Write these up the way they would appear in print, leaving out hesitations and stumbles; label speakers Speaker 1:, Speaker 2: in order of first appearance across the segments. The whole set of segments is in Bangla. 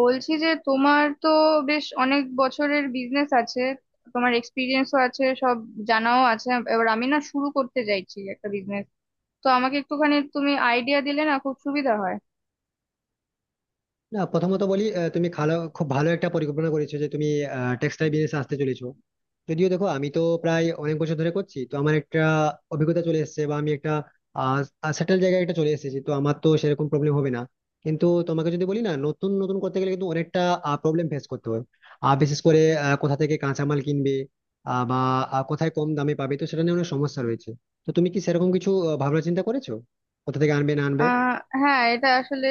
Speaker 1: বলছি যে তোমার তো বেশ অনেক বছরের বিজনেস আছে, তোমার এক্সপিরিয়েন্সও আছে, সব জানাও আছে। এবার আমি না শুরু করতে চাইছি একটা বিজনেস, তো আমাকে একটুখানি তুমি আইডিয়া দিলে না খুব সুবিধা হয়।
Speaker 2: না, প্রথমত বলি তুমি ভালো খুব ভালো একটা পরিকল্পনা করেছো যে তুমি টেক্সটাইল বিজনেসে আসতে চলেছো। যদিও দেখো, আমি তো প্রায় অনেক বছর ধরে করছি, তো আমার একটা অভিজ্ঞতা চলে এসেছে বা আমি একটা সেটেল জায়গায় একটা চলে এসেছি, তো আমার তো সেরকম প্রবলেম হবে না। কিন্তু তোমাকে যদি বলি, না, নতুন নতুন করতে গেলে কিন্তু অনেকটা প্রবলেম ফেস করতে হয়। আর বিশেষ করে কোথা থেকে কাঁচামাল কিনবে, বা কোথায় কম দামে পাবে, তো সেটা নিয়ে অনেক সমস্যা রয়েছে। তো তুমি কি সেরকম কিছু ভাবনা চিন্তা করেছো কোথা থেকে আনবে না আনবে?
Speaker 1: আহ হ্যাঁ, এটা আসলে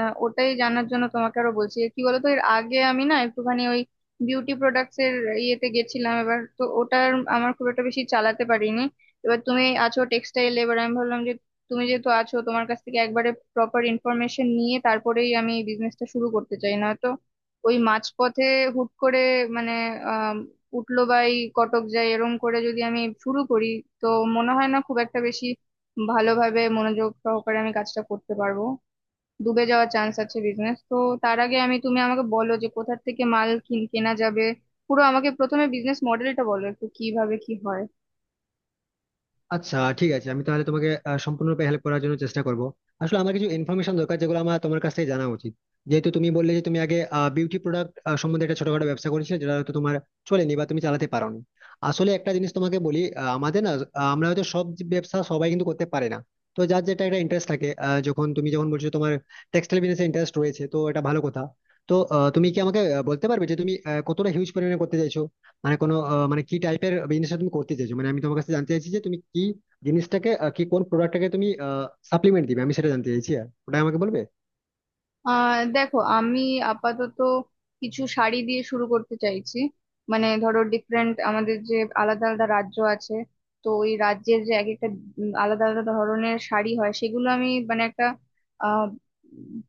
Speaker 1: ওটাই জানার জন্য তোমাকে আরো বলছি, কি বলতো, এর আগে আমি না একটুখানি ওই বিউটি প্রোডাক্টস এর ইয়েতে গেছিলাম, এবার তো ওটার আমার খুব একটা বেশি চালাতে পারিনি। এবার তুমি আছো টেক্সটাইল, এবার আমি ভাবলাম যে তুমি যেহেতু আছো, তোমার কাছ থেকে একবারে প্রপার ইনফরমেশন নিয়ে তারপরেই আমি বিজনেসটা শুরু করতে চাই, না তো ওই মাঝপথে হুট করে মানে আহ উঠলো বাই কটক যায় এরম করে যদি আমি শুরু করি, তো মনে হয় না খুব একটা বেশি ভালোভাবে মনোযোগ সহকারে আমি কাজটা করতে পারবো। ডুবে যাওয়ার চান্স আছে বিজনেস তো। তার আগে তুমি আমাকে বলো যে কোথা থেকে মাল কেনা যাবে। পুরো আমাকে প্রথমে বিজনেস মডেলটা বলো একটু, কিভাবে কি হয়।
Speaker 2: আচ্ছা ঠিক আছে, আমি তাহলে তোমাকে সম্পূর্ণরূপে হেল্প করার জন্য চেষ্টা করব। আসলে আমার কিছু ইনফরমেশন দরকার যেগুলো আমার তোমার কাছ থেকে জানা উচিত। যেহেতু তুমি বললে যে তুমি আগে বিউটি প্রোডাক্ট সম্বন্ধে একটা ছোটখাটো ব্যবসা করেছিলে, যেটা হয়তো তোমার চলেনি বা তুমি চালাতে পারোনি। আসলে একটা জিনিস তোমাকে বলি, আমাদের না, আমরা হয়তো সব, যে ব্যবসা সবাই কিন্তু করতে পারে না। তো যার যেটা একটা ইন্টারেস্ট থাকে, যখন তুমি বলছো তোমার টেক্সটাইল বিজনেসে ইন্টারেস্ট রয়েছে, তো এটা ভালো কথা। তো তুমি কি আমাকে বলতে পারবে যে তুমি কতটা হিউজ পরিমাণে করতে চাইছো? মানে কোনো মানে কি টাইপের বিজনেসটা তুমি করতে চাইছো, মানে আমি তোমার কাছে জানতে চাইছি যে তুমি কি জিনিসটাকে আহ, কি কোন প্রোডাক্টটাকে তুমি সাপ্লিমেন্ট দিবে, আমি সেটা জানতে চাইছি, আর ওটা আমাকে বলবে।
Speaker 1: দেখো, আমি আপাতত কিছু শাড়ি দিয়ে শুরু করতে চাইছি। মানে ধরো, ডিফারেন্ট আমাদের যে আলাদা আলাদা রাজ্য আছে, তো ওই রাজ্যের যে এক একটা আলাদা আলাদা ধরনের শাড়ি হয়, সেগুলো আমি মানে একটা আহ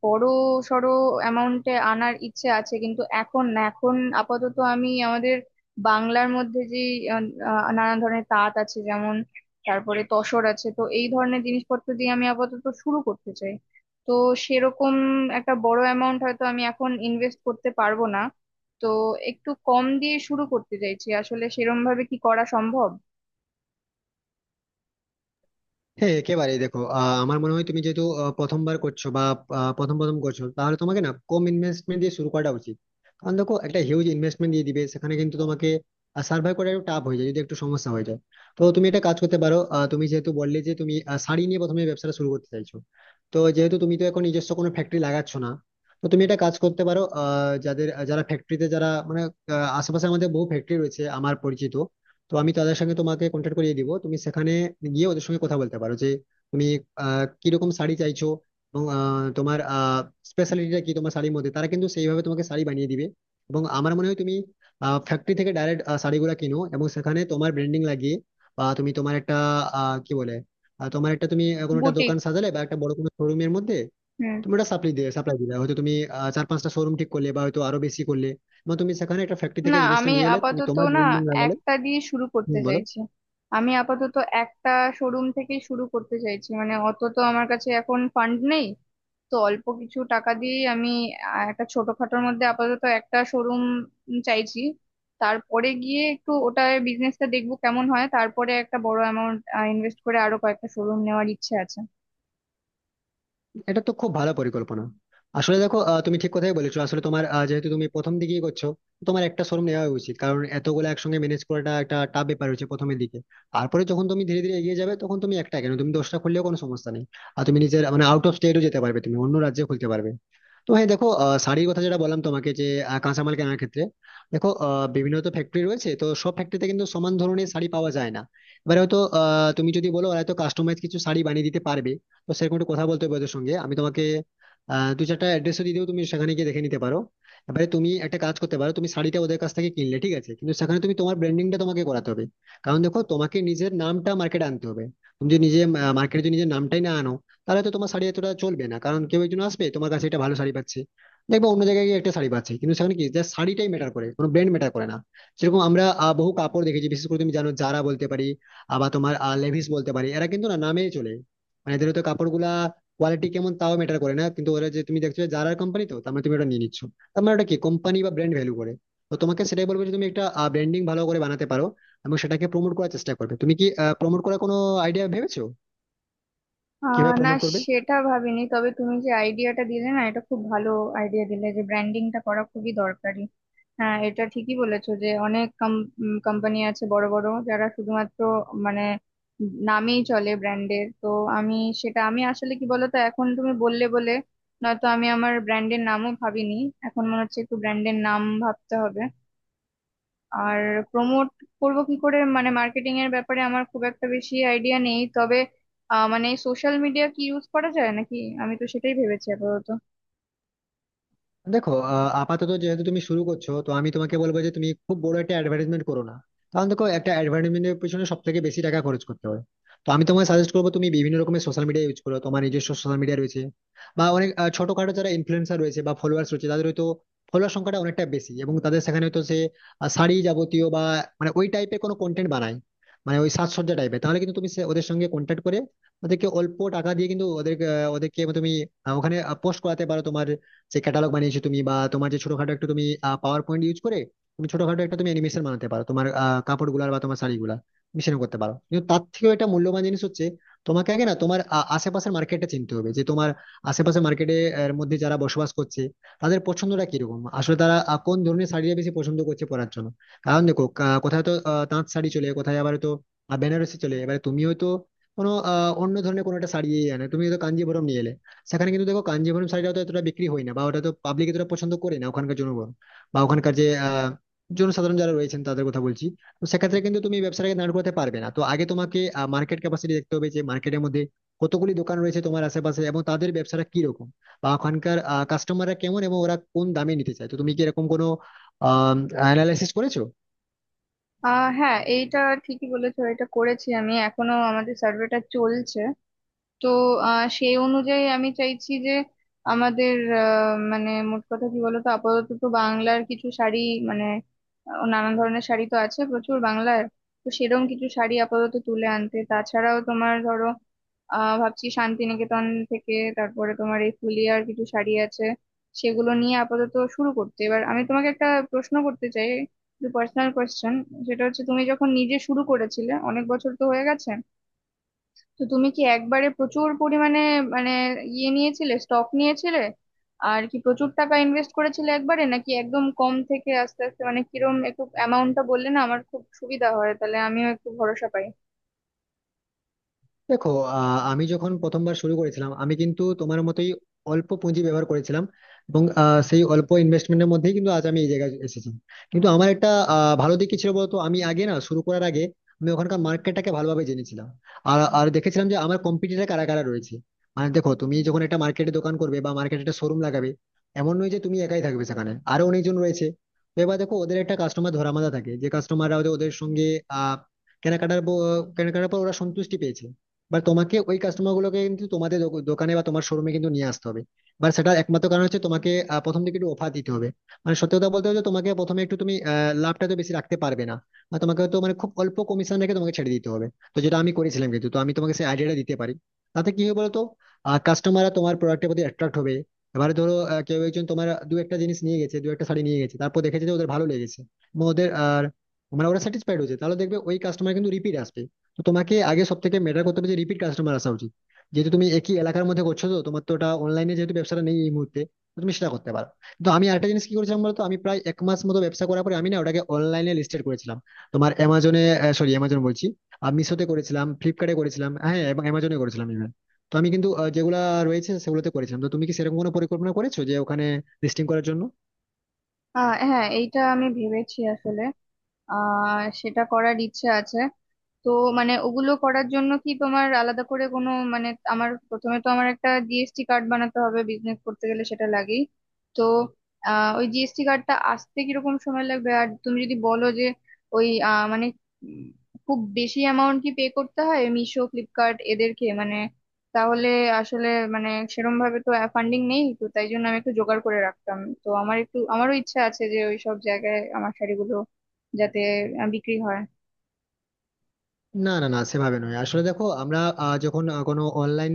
Speaker 1: বড় সড়ো অ্যামাউন্টে আনার ইচ্ছে আছে, কিন্তু এখন না। এখন আপাতত আমি আমাদের বাংলার মধ্যে যে আহ, আহ, নানা ধরনের তাঁত আছে, যেমন তারপরে তসর আছে, তো এই ধরনের জিনিসপত্র দিয়ে আমি আপাতত শুরু করতে চাই। তো সেরকম একটা বড় অ্যামাউন্ট হয়তো আমি এখন ইনভেস্ট করতে পারবো না, তো একটু কম দিয়ে শুরু করতে চাইছি। আসলে সেরম ভাবে কি করা সম্ভব?
Speaker 2: হ্যাঁ একেবারেই, দেখো আমার মনে হয় তুমি যেহেতু প্রথমবার করছো বা প্রথম প্রথম করছো, তাহলে তোমাকে না কম ইনভেস্টমেন্ট দিয়ে শুরু করাটা উচিত। কারণ দেখো, একটা হিউজ ইনভেস্টমেন্ট দিয়ে দিবে সেখানে কিন্তু তোমাকে সার্ভাইভ করা একটু টাফ হয়ে যায় যদি একটু সমস্যা হয়ে যায়। তো তুমি একটা কাজ করতে পারো, তুমি যেহেতু বললে যে তুমি শাড়ি নিয়ে প্রথমে ব্যবসাটা শুরু করতে চাইছো, তো যেহেতু তুমি তো এখন নিজস্ব কোনো ফ্যাক্টরি লাগাচ্ছ না, তো তুমি একটা কাজ করতে পারো, যাদের যারা ফ্যাক্টরিতে যারা মানে আশেপাশে আমাদের বহু ফ্যাক্টরি রয়েছে আমার পরিচিত। তো আমি তাদের সঙ্গে তোমাকে কন্ট্যাক্ট করিয়ে দিব, তুমি সেখানে গিয়ে ওদের সঙ্গে কথা বলতে পারো যে তুমি কিরকম শাড়ি চাইছো এবং তোমার স্পেশালিটিটা কি তোমার শাড়ির মধ্যে, তারা কিন্তু সেইভাবে তোমাকে শাড়ি বানিয়ে দিবে। এবং আমার মনে হয় তুমি ফ্যাক্টরি থেকে ডাইরেক্ট শাড়িগুলো কিনো এবং সেখানে তোমার ব্র্যান্ডিং লাগিয়ে, বা তুমি তোমার একটা আহ, কি বলে আহ, তোমার একটা তুমি কোনো একটা
Speaker 1: বুটিক।
Speaker 2: দোকান সাজালে বা একটা বড় কোনো শোরুমের মধ্যে
Speaker 1: হুম।
Speaker 2: তুমি ওটা সাপ্লাই দিলে, হয়তো তুমি চার পাঁচটা শোরুম ঠিক করলে বা হয়তো আরো বেশি করলে, এবং তুমি সেখানে একটা ফ্যাক্টরি
Speaker 1: না,
Speaker 2: থেকে জিনিসটা
Speaker 1: আমি
Speaker 2: নিয়ে এলে তুমি
Speaker 1: আপাতত
Speaker 2: তোমার
Speaker 1: না
Speaker 2: ব্র্যান্ডিং লাগালে।
Speaker 1: একটা দিয়ে শুরু
Speaker 2: হুম,
Speaker 1: করতে
Speaker 2: বলো।
Speaker 1: চাইছি। আমি আপাতত একটা শোরুম থেকে শুরু করতে চাইছি, মানে অত তো আমার কাছে এখন ফান্ড নেই। তো অল্প কিছু টাকা দিয়ে আমি একটা ছোটখাটোর মধ্যে আপাতত একটা শোরুম চাইছি। তারপরে গিয়ে একটু ওটা বিজনেসটা দেখবো কেমন হয়, তারপরে একটা বড় অ্যামাউন্ট ইনভেস্ট করে আরো কয়েকটা শোরুম নেওয়ার ইচ্ছে আছে।
Speaker 2: এটা তো খুব ভালো পরিকল্পনা। আসলে দেখো তুমি ঠিক কথাই বলেছো, আসলে তোমার যেহেতু তুমি প্রথম দিকেই করছো, তো তোমার একটা শোরুম নেওয়া উচিত, কারণ এতগুলো একসঙ্গে ম্যানেজ করাটা একটা টাফ ব্যাপার হচ্ছে প্রথমের দিকে। তারপরে যখন তুমি ধীরে ধীরে এগিয়ে যাবে, তখন তুমি একটা কেন, তুমি 10টা খুললেও কোনো সমস্যা নেই। আর তুমি নিজের মানে আউট অফ স্টেটও যেতে পারবে, তুমি অন্য রাজ্যে খুলতে পারবে। তো হ্যাঁ, দেখো শাড়ির কথা যেটা বললাম তোমাকে যে কাঁচামাল কেনার ক্ষেত্রে দেখো বিভিন্ন তো ফ্যাক্টরি রয়েছে, তো সব ফ্যাক্টরিতে কিন্তু সমান ধরনের শাড়ি পাওয়া যায় না। এবারে হয়তো তুমি যদি বলো, ওরা হয়তো কাস্টমাইজ কিছু শাড়ি বানিয়ে দিতে পারবে, তো সেরকম একটু কথা বলতে হবে ওদের সঙ্গে। আমি তোমাকে দু চারটা অ্যাড্রেসও দিয়ে দেবো, তুমি সেখানে গিয়ে দেখে নিতে পারো। এবারে তুমি একটা কাজ করতে পারো, তুমি শাড়িটা ওদের কাছ থেকে কিনলে ঠিক আছে, কিন্তু সেখানে তুমি তোমার ব্র্যান্ডিংটা তোমাকে করাতে হবে। কারণ দেখো তোমাকে নিজের নামটা মার্কেটে আনতে হবে। তুমি যদি নিজে মার্কেটে যদি নিজের নামটাই না আনো, তাহলে তো তোমার শাড়ি এতটা চলবে না, কারণ কেউ একজন আসবে তোমার কাছে, একটা ভালো শাড়ি পাচ্ছে, দেখবো অন্য জায়গায় গিয়ে একটা শাড়ি পাচ্ছে, কিন্তু সেখানে কি জাস্ট শাড়িটাই ম্যাটার করে, কোনো ব্র্যান্ড ম্যাটার করে না। সেরকম আমরা বহু কাপড় দেখেছি, বিশেষ করে তুমি জানো জারা বলতে পারি, আবার তোমার লেভিস বলতে পারি, এরা কিন্তু না নামে চলে। মানে এদের তো কাপড়গুলা কোয়ালিটি কেমন তাও ম্যাটার করে না, কিন্তু ওরা যে তুমি দেখছো যে জারার কোম্পানি, তো তার মানে তুমি ওটা নিয়ে নিচ্ছ, তার মানে ওটা কি কোম্পানি বা ব্র্যান্ড ভ্যালু করে। তো তোমাকে সেটাই বলবো যে তুমি একটা ব্র্যান্ডিং ভালো করে বানাতে পারো এবং সেটাকে প্রমোট করার চেষ্টা করবে। তুমি কি প্রমোট করার কোনো আইডিয়া ভেবেছো? কিভাবে
Speaker 1: না,
Speaker 2: প্রমোট করবে?
Speaker 1: সেটা ভাবিনি, তবে তুমি যে আইডিয়াটা দিলে না, এটা খুব ভালো আইডিয়া দিলে যে ব্র্যান্ডিংটা করা খুবই দরকারি। হ্যাঁ, এটা ঠিকই বলেছো যে অনেক কোম্পানি আছে বড় বড়, যারা শুধুমাত্র মানে নামেই চলে, ব্র্যান্ডের। তো আমি আমি আসলে কি বলতো, এখন তুমি বললে বলে, নয়তো আমি আমার ব্র্যান্ডের নামও ভাবিনি। এখন মনে হচ্ছে একটু ব্র্যান্ডের নাম ভাবতে হবে। আর প্রমোট করব কি করে, মানে মার্কেটিং এর ব্যাপারে আমার খুব একটা বেশি আইডিয়া নেই, তবে মানে সোশ্যাল মিডিয়া কি ইউজ করা যায় নাকি? আমি তো সেটাই ভেবেছি আপাতত।
Speaker 2: দেখো আপাতত যেহেতু তুমি শুরু করছো, তো আমি তোমাকে বলবো যে তুমি খুব বড় একটা অ্যাডভার্টাইজমেন্ট করো না, কারণ দেখো একটা অ্যাডভার্টাইজমেন্টের পিছনে সব থেকে বেশি টাকা খরচ করতে হয়। তো আমি তোমাকে সাজেস্ট করবো তুমি বিভিন্ন রকমের সোশ্যাল মিডিয়া ইউজ করো, তোমার নিজস্ব সোশ্যাল মিডিয়া রয়েছে, বা অনেক ছোটখাটো যারা ইনফ্লুয়েন্সার রয়েছে বা ফলোয়ার্স রয়েছে, তাদের হয়তো ফলোয়ার সংখ্যাটা অনেকটা বেশি, এবং তাদের সেখানে হয়তো সে শাড়ি যাবতীয় বা মানে ওই টাইপের কোনো কন্টেন্ট বানায়, মানে ওই সাজসজ্জা টাইপের, তাহলে কিন্তু তুমি ওদের সঙ্গে কন্ট্যাক্ট করে ওদেরকে অল্প টাকা দিয়ে কিন্তু ওদের ওদেরকে তুমি ওখানে পোস্ট করাতে পারো, তোমার যে ক্যাটালগ বানিয়েছো তুমি, বা তোমার যে ছোটখাটো একটু তুমি পাওয়ার পয়েন্ট ইউজ করে তুমি ছোটখাটো একটা তুমি অ্যানিমেশন বানাতে পারো তোমার কাপড় গুলার বা তোমার শাড়ি গুলা মিশন করতে পারো। কিন্তু তার থেকেও এটা মূল্যবান জিনিস হচ্ছে, তোমাকে আগে না তোমার আশেপাশের মার্কেটটা চিনতে হবে, যে তোমার আশেপাশের মার্কেটের মধ্যে যারা বসবাস করছে তাদের পছন্দটা কিরকম, আসলে তারা কোন ধরনের শাড়িটা বেশি পছন্দ করছে পরার জন্য। কারণ দেখো কোথায় তো তাঁত শাড়ি চলে, কোথায় আবার তো বেনারসি চলে। এবারে তুমি হয়তো কোনো অন্য ধরনের কোনো একটা শাড়ি এনে তুমি হয়তো কাঞ্জিভরম নিয়ে এলে, সেখানে কিন্তু দেখো কাঞ্জিভরম শাড়িটা তো এতটা বিক্রি হয় না, বা ওটা তো পাবলিক এতটা পছন্দ করে না ওখানকার জনগণ, বা ওখানকার যে জনসাধারণ যারা রয়েছেন তাদের কথা বলছি। তো সেক্ষেত্রে কিন্তু তুমি এই ব্যবসাটাকে দাঁড় করাতে পারবে না, তো আগে তোমাকে মার্কেট ক্যাপাসিটি দেখতে হবে, যে মার্কেটের মধ্যে কতগুলি দোকান রয়েছে তোমার আশেপাশে এবং তাদের ব্যবসাটা কি রকম, বা ওখানকার কাস্টমাররা কেমন এবং ওরা কোন দামে নিতে চায়। তো তুমি কি এরকম কোনো আহ অ্যানালাইসিস করেছো?
Speaker 1: হ্যাঁ, এইটা ঠিকই বলেছো, এটা করেছি। আমি এখনো আমাদের সার্ভেটা চলছে, তো সেই অনুযায়ী আমি চাইছি যে আমাদের মানে মোট কথা কি বলতো, আপাতত তো বাংলার কিছু শাড়ি, মানে নানান ধরনের শাড়ি তো আছে প্রচুর বাংলার, তো সেরকম কিছু শাড়ি আপাতত তুলে আনতে। তাছাড়াও তোমার ধরো, ভাবছি শান্তিনিকেতন থেকে, তারপরে তোমার এই ফুলিয়ার কিছু শাড়ি আছে, সেগুলো নিয়ে আপাতত শুরু করতে। এবার আমি তোমাকে একটা প্রশ্ন করতে চাই, পার্সোনাল কোয়েশ্চেন। সেটা হচ্ছে, তুমি যখন নিজে শুরু করেছিলে, অনেক বছর তো হয়ে গেছে, তো তুমি কি একবারে প্রচুর পরিমাণে মানে ইয়ে নিয়েছিলে, স্টক নিয়েছিলে আর কি প্রচুর টাকা ইনভেস্ট করেছিলে একবারে, নাকি একদম কম থেকে আস্তে আস্তে, মানে কিরম একটু অ্যামাউন্টটা বললে না আমার খুব সুবিধা হয়, তাহলে আমিও একটু ভরসা পাই।
Speaker 2: দেখো আমি যখন প্রথমবার শুরু করেছিলাম, আমি কিন্তু তোমার মতোই অল্প পুঁজি ব্যবহার করেছিলাম, এবং সেই অল্প ইনভেস্টমেন্টের মধ্যেই কিন্তু আজ আমি এই জায়গায় এসেছি। কিন্তু আমার একটা ভালো দিক কি ছিল বলতো, আমি আগে না, শুরু করার আগে আমি ওখানকার মার্কেটটাকে ভালোভাবে জেনেছিলাম, আর আর দেখেছিলাম যে আমার কম্পিটিটর কারা কারা রয়েছে। মানে দেখো তুমি যখন একটা মার্কেটে দোকান করবে বা মার্কেটে একটা শোরুম লাগাবে, এমন নয় যে তুমি একাই থাকবে, সেখানে আরো অনেকজন রয়েছে। তো এবার দেখো, ওদের একটা কাস্টমার ধরা বাঁধা থাকে, যে কাস্টমাররা ওদের ওদের সঙ্গে আহ কেনাকাটার কেনাকাটার পর ওরা সন্তুষ্টি পেয়েছে, বা তোমাকে ওই কাস্টমার গুলোকে কিন্তু তোমাদের দোকানে বা তোমার শোরুমে কিন্তু নিয়ে আসতে হবে, বা সেটা একমাত্র কারণ হচ্ছে তোমাকে প্রথম দিকে একটু অফার দিতে হবে। মানে সত্যি কথা বলতে হচ্ছে তোমাকে প্রথমে একটু তুমি লাভটা তো বেশি রাখতে পারবে না, বা তোমাকে তো মানে খুব অল্প কমিশন রেখে তোমাকে ছেড়ে দিতে হবে। তো যেটা আমি করেছিলাম কিন্তু, তো আমি তোমাকে সেই আইডিয়াটা দিতে পারি। তাতে কি হবে বলতো, কাস্টমাররা তোমার প্রোডাক্টের প্রতি অ্যাট্রাক্ট হবে। এবারে ধরো কেউ একজন তোমার দু একটা জিনিস নিয়ে গেছে, দু একটা শাড়ি নিয়ে গেছে, তারপর দেখেছে যে ওদের ভালো লেগেছে এবং ওদের আর মানে ওরা স্যাটিসফাইড হয়েছে, তাহলে দেখবে ওই কাস্টমার কিন্তু রিপিট আসবে। তো তোমাকে আগে সব থেকে ম্যাটার করতে হবে যে রিপিট কাস্টমার আসা উচিত। যেহেতু তুমি একই এলাকার মধ্যে করছো, তো তোমার তো ওটা অনলাইনে যেহেতু ব্যবসাটা নেই এই মুহূর্তে, তো তুমি সেটা করতে পারো। তো আমি আরেকটা জিনিস কি করেছিলাম বলতো, আমি প্রায় 1 মাস মতো ব্যবসা করার পরে আমি না ওটাকে অনলাইনে লিস্টেড করেছিলাম তোমার অ্যামাজনে, সরি অ্যামাজন বলছি, আমি মিশোতে করেছিলাম, ফ্লিপকার্টে করেছিলাম, হ্যাঁ, এবং অ্যামাজনে করেছিলাম even। তো আমি কিন্তু যেগুলা রয়েছে সেগুলোতে করেছিলাম। তো তুমি কি সেরকম কোনো পরিকল্পনা করেছো যে ওখানে লিস্টিং করার জন্য?
Speaker 1: হ্যাঁ, এইটা আমি ভেবেছি আসলে। সেটা করার ইচ্ছে আছে। তো মানে ওগুলো করার জন্য কি তোমার আলাদা করে কোনো, মানে আমার প্রথমে তো আমার একটা জিএসটি কার্ড বানাতে হবে, বিজনেস করতে গেলে সেটা লাগেই। তো ওই জিএসটি কার্ডটা আসতে কিরকম সময় লাগবে, আর তুমি যদি বলো যে ওই মানে উম, খুব বেশি অ্যামাউন্ট কি পে করতে হয় মিশো, ফ্লিপকার্ট এদেরকে? মানে তাহলে আসলে মানে সেরম ভাবে তো ফান্ডিং নেই, তো তাই জন্য আমি একটু জোগাড় করে রাখতাম। তো আমার একটু, আমারও ইচ্ছা আছে যে ওই সব জায়গায় আমার শাড়িগুলো যাতে বিক্রি হয়।
Speaker 2: না না না, সেভাবে নয়। আসলে দেখো আমরা যখন কোনো অনলাইন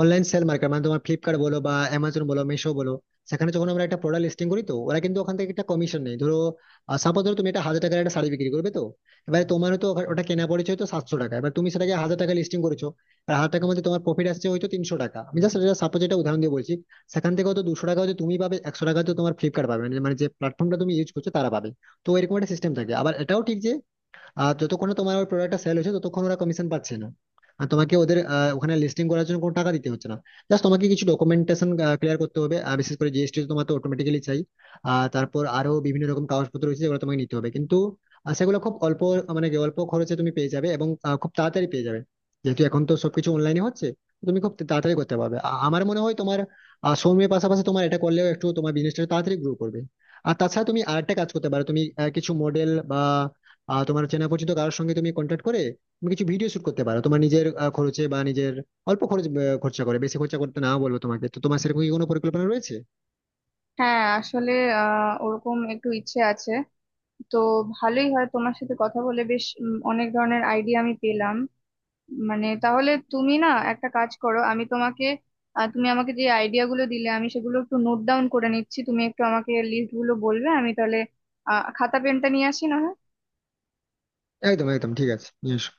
Speaker 2: অনলাইন সেল মার্কেট, মানে তোমার ফ্লিপকার্ট বলো বা অ্যামাজন বলো মিশো বলো, সেখানে যখন আমরা একটা প্রোডাক্ট লিস্টিং করি, তো ওরা কিন্তু ওখান থেকে একটা কমিশন নেই। ধরো সাপোজ ধরো তুমি একটা 1000 টাকার একটা শাড়ি বিক্রি করবে, তো এবারে তোমার তো ওটা কেনা পড়েছে হয়তো 700 টাকা, এবার তুমি সেটাকে 1000 টাকা লিস্টিং করেছো, আর 1000 টাকার মধ্যে তোমার প্রফিট আসছে হয়তো 300 টাকা। আমি জাস্ট এটা সাপোজ, এটা উদাহরণ দিয়ে বলছি। সেখান থেকে হয়তো 200 টাকা হয়তো তুমি পাবে, 100 টাকা হয়তো তোমার ফ্লিপকার্ট পাবে, মানে মানে যে প্ল্যাটফর্মটা তুমি ইউজ করছো তারা পাবে। তো এরকম একটা সিস্টেম থাকে। আবার এটাও ঠিক যে যতক্ষণ না তোমার প্রোডাক্টটা সেল হচ্ছে ততক্ষণ ওরা কমিশন পাচ্ছে না, আর তোমাকে ওদের ওখানে লিস্টিং করার জন্য কোনো টাকা দিতে হচ্ছে না। জাস্ট তোমাকে কিছু ডকুমেন্টেশন ক্লিয়ার করতে হবে, আর বিশেষ করে জিএসটি তোমার তো অটোমেটিক্যালি চাই। আর তারপর আরো বিভিন্ন রকম কাগজপত্র রয়েছে যেগুলো তোমাকে নিতে হবে, কিন্তু সেগুলো খুব অল্প, মানে কি, অল্প খরচে তুমি পেয়ে যাবে এবং খুব তাড়াতাড়ি পেয়ে যাবে, যেহেতু এখন তো সবকিছু অনলাইনে হচ্ছে তুমি খুব তাড়াতাড়ি করতে পারবে। আমার মনে হয় তোমার সময়ের পাশাপাশি তোমার এটা করলেও একটু তোমার বিজনেসটা তাড়াতাড়ি গ্রো করবে। আর তাছাড়া তুমি আরেকটা কাজ করতে পারো, তুমি কিছু মডেল বা তোমার চেনা পরিচিত কারোর সঙ্গে তুমি কন্ট্যাক্ট করে তুমি কিছু ভিডিও শুট করতে পারো তোমার নিজের খরচে বা নিজের অল্প খরচ, খরচা করে বেশি খরচা করতে না বলবো তোমাকে। তো তোমার সেরকম কি কোনো পরিকল্পনা রয়েছে?
Speaker 1: হ্যাঁ আসলে ওরকম একটু ইচ্ছে আছে। তো ভালোই হয়, তোমার সাথে কথা বলে বেশ অনেক ধরনের আইডিয়া আমি পেলাম। মানে তাহলে তুমি না একটা কাজ করো, আমি তোমাকে তুমি আমাকে যে আইডিয়া গুলো দিলে আমি সেগুলো একটু নোট ডাউন করে নিচ্ছি, তুমি একটু আমাকে লিস্ট গুলো বলবে। আমি তাহলে খাতা পেনটা নিয়ে আসি না হয়?
Speaker 2: একদম একদম ঠিক আছে, নিয়ে এসো।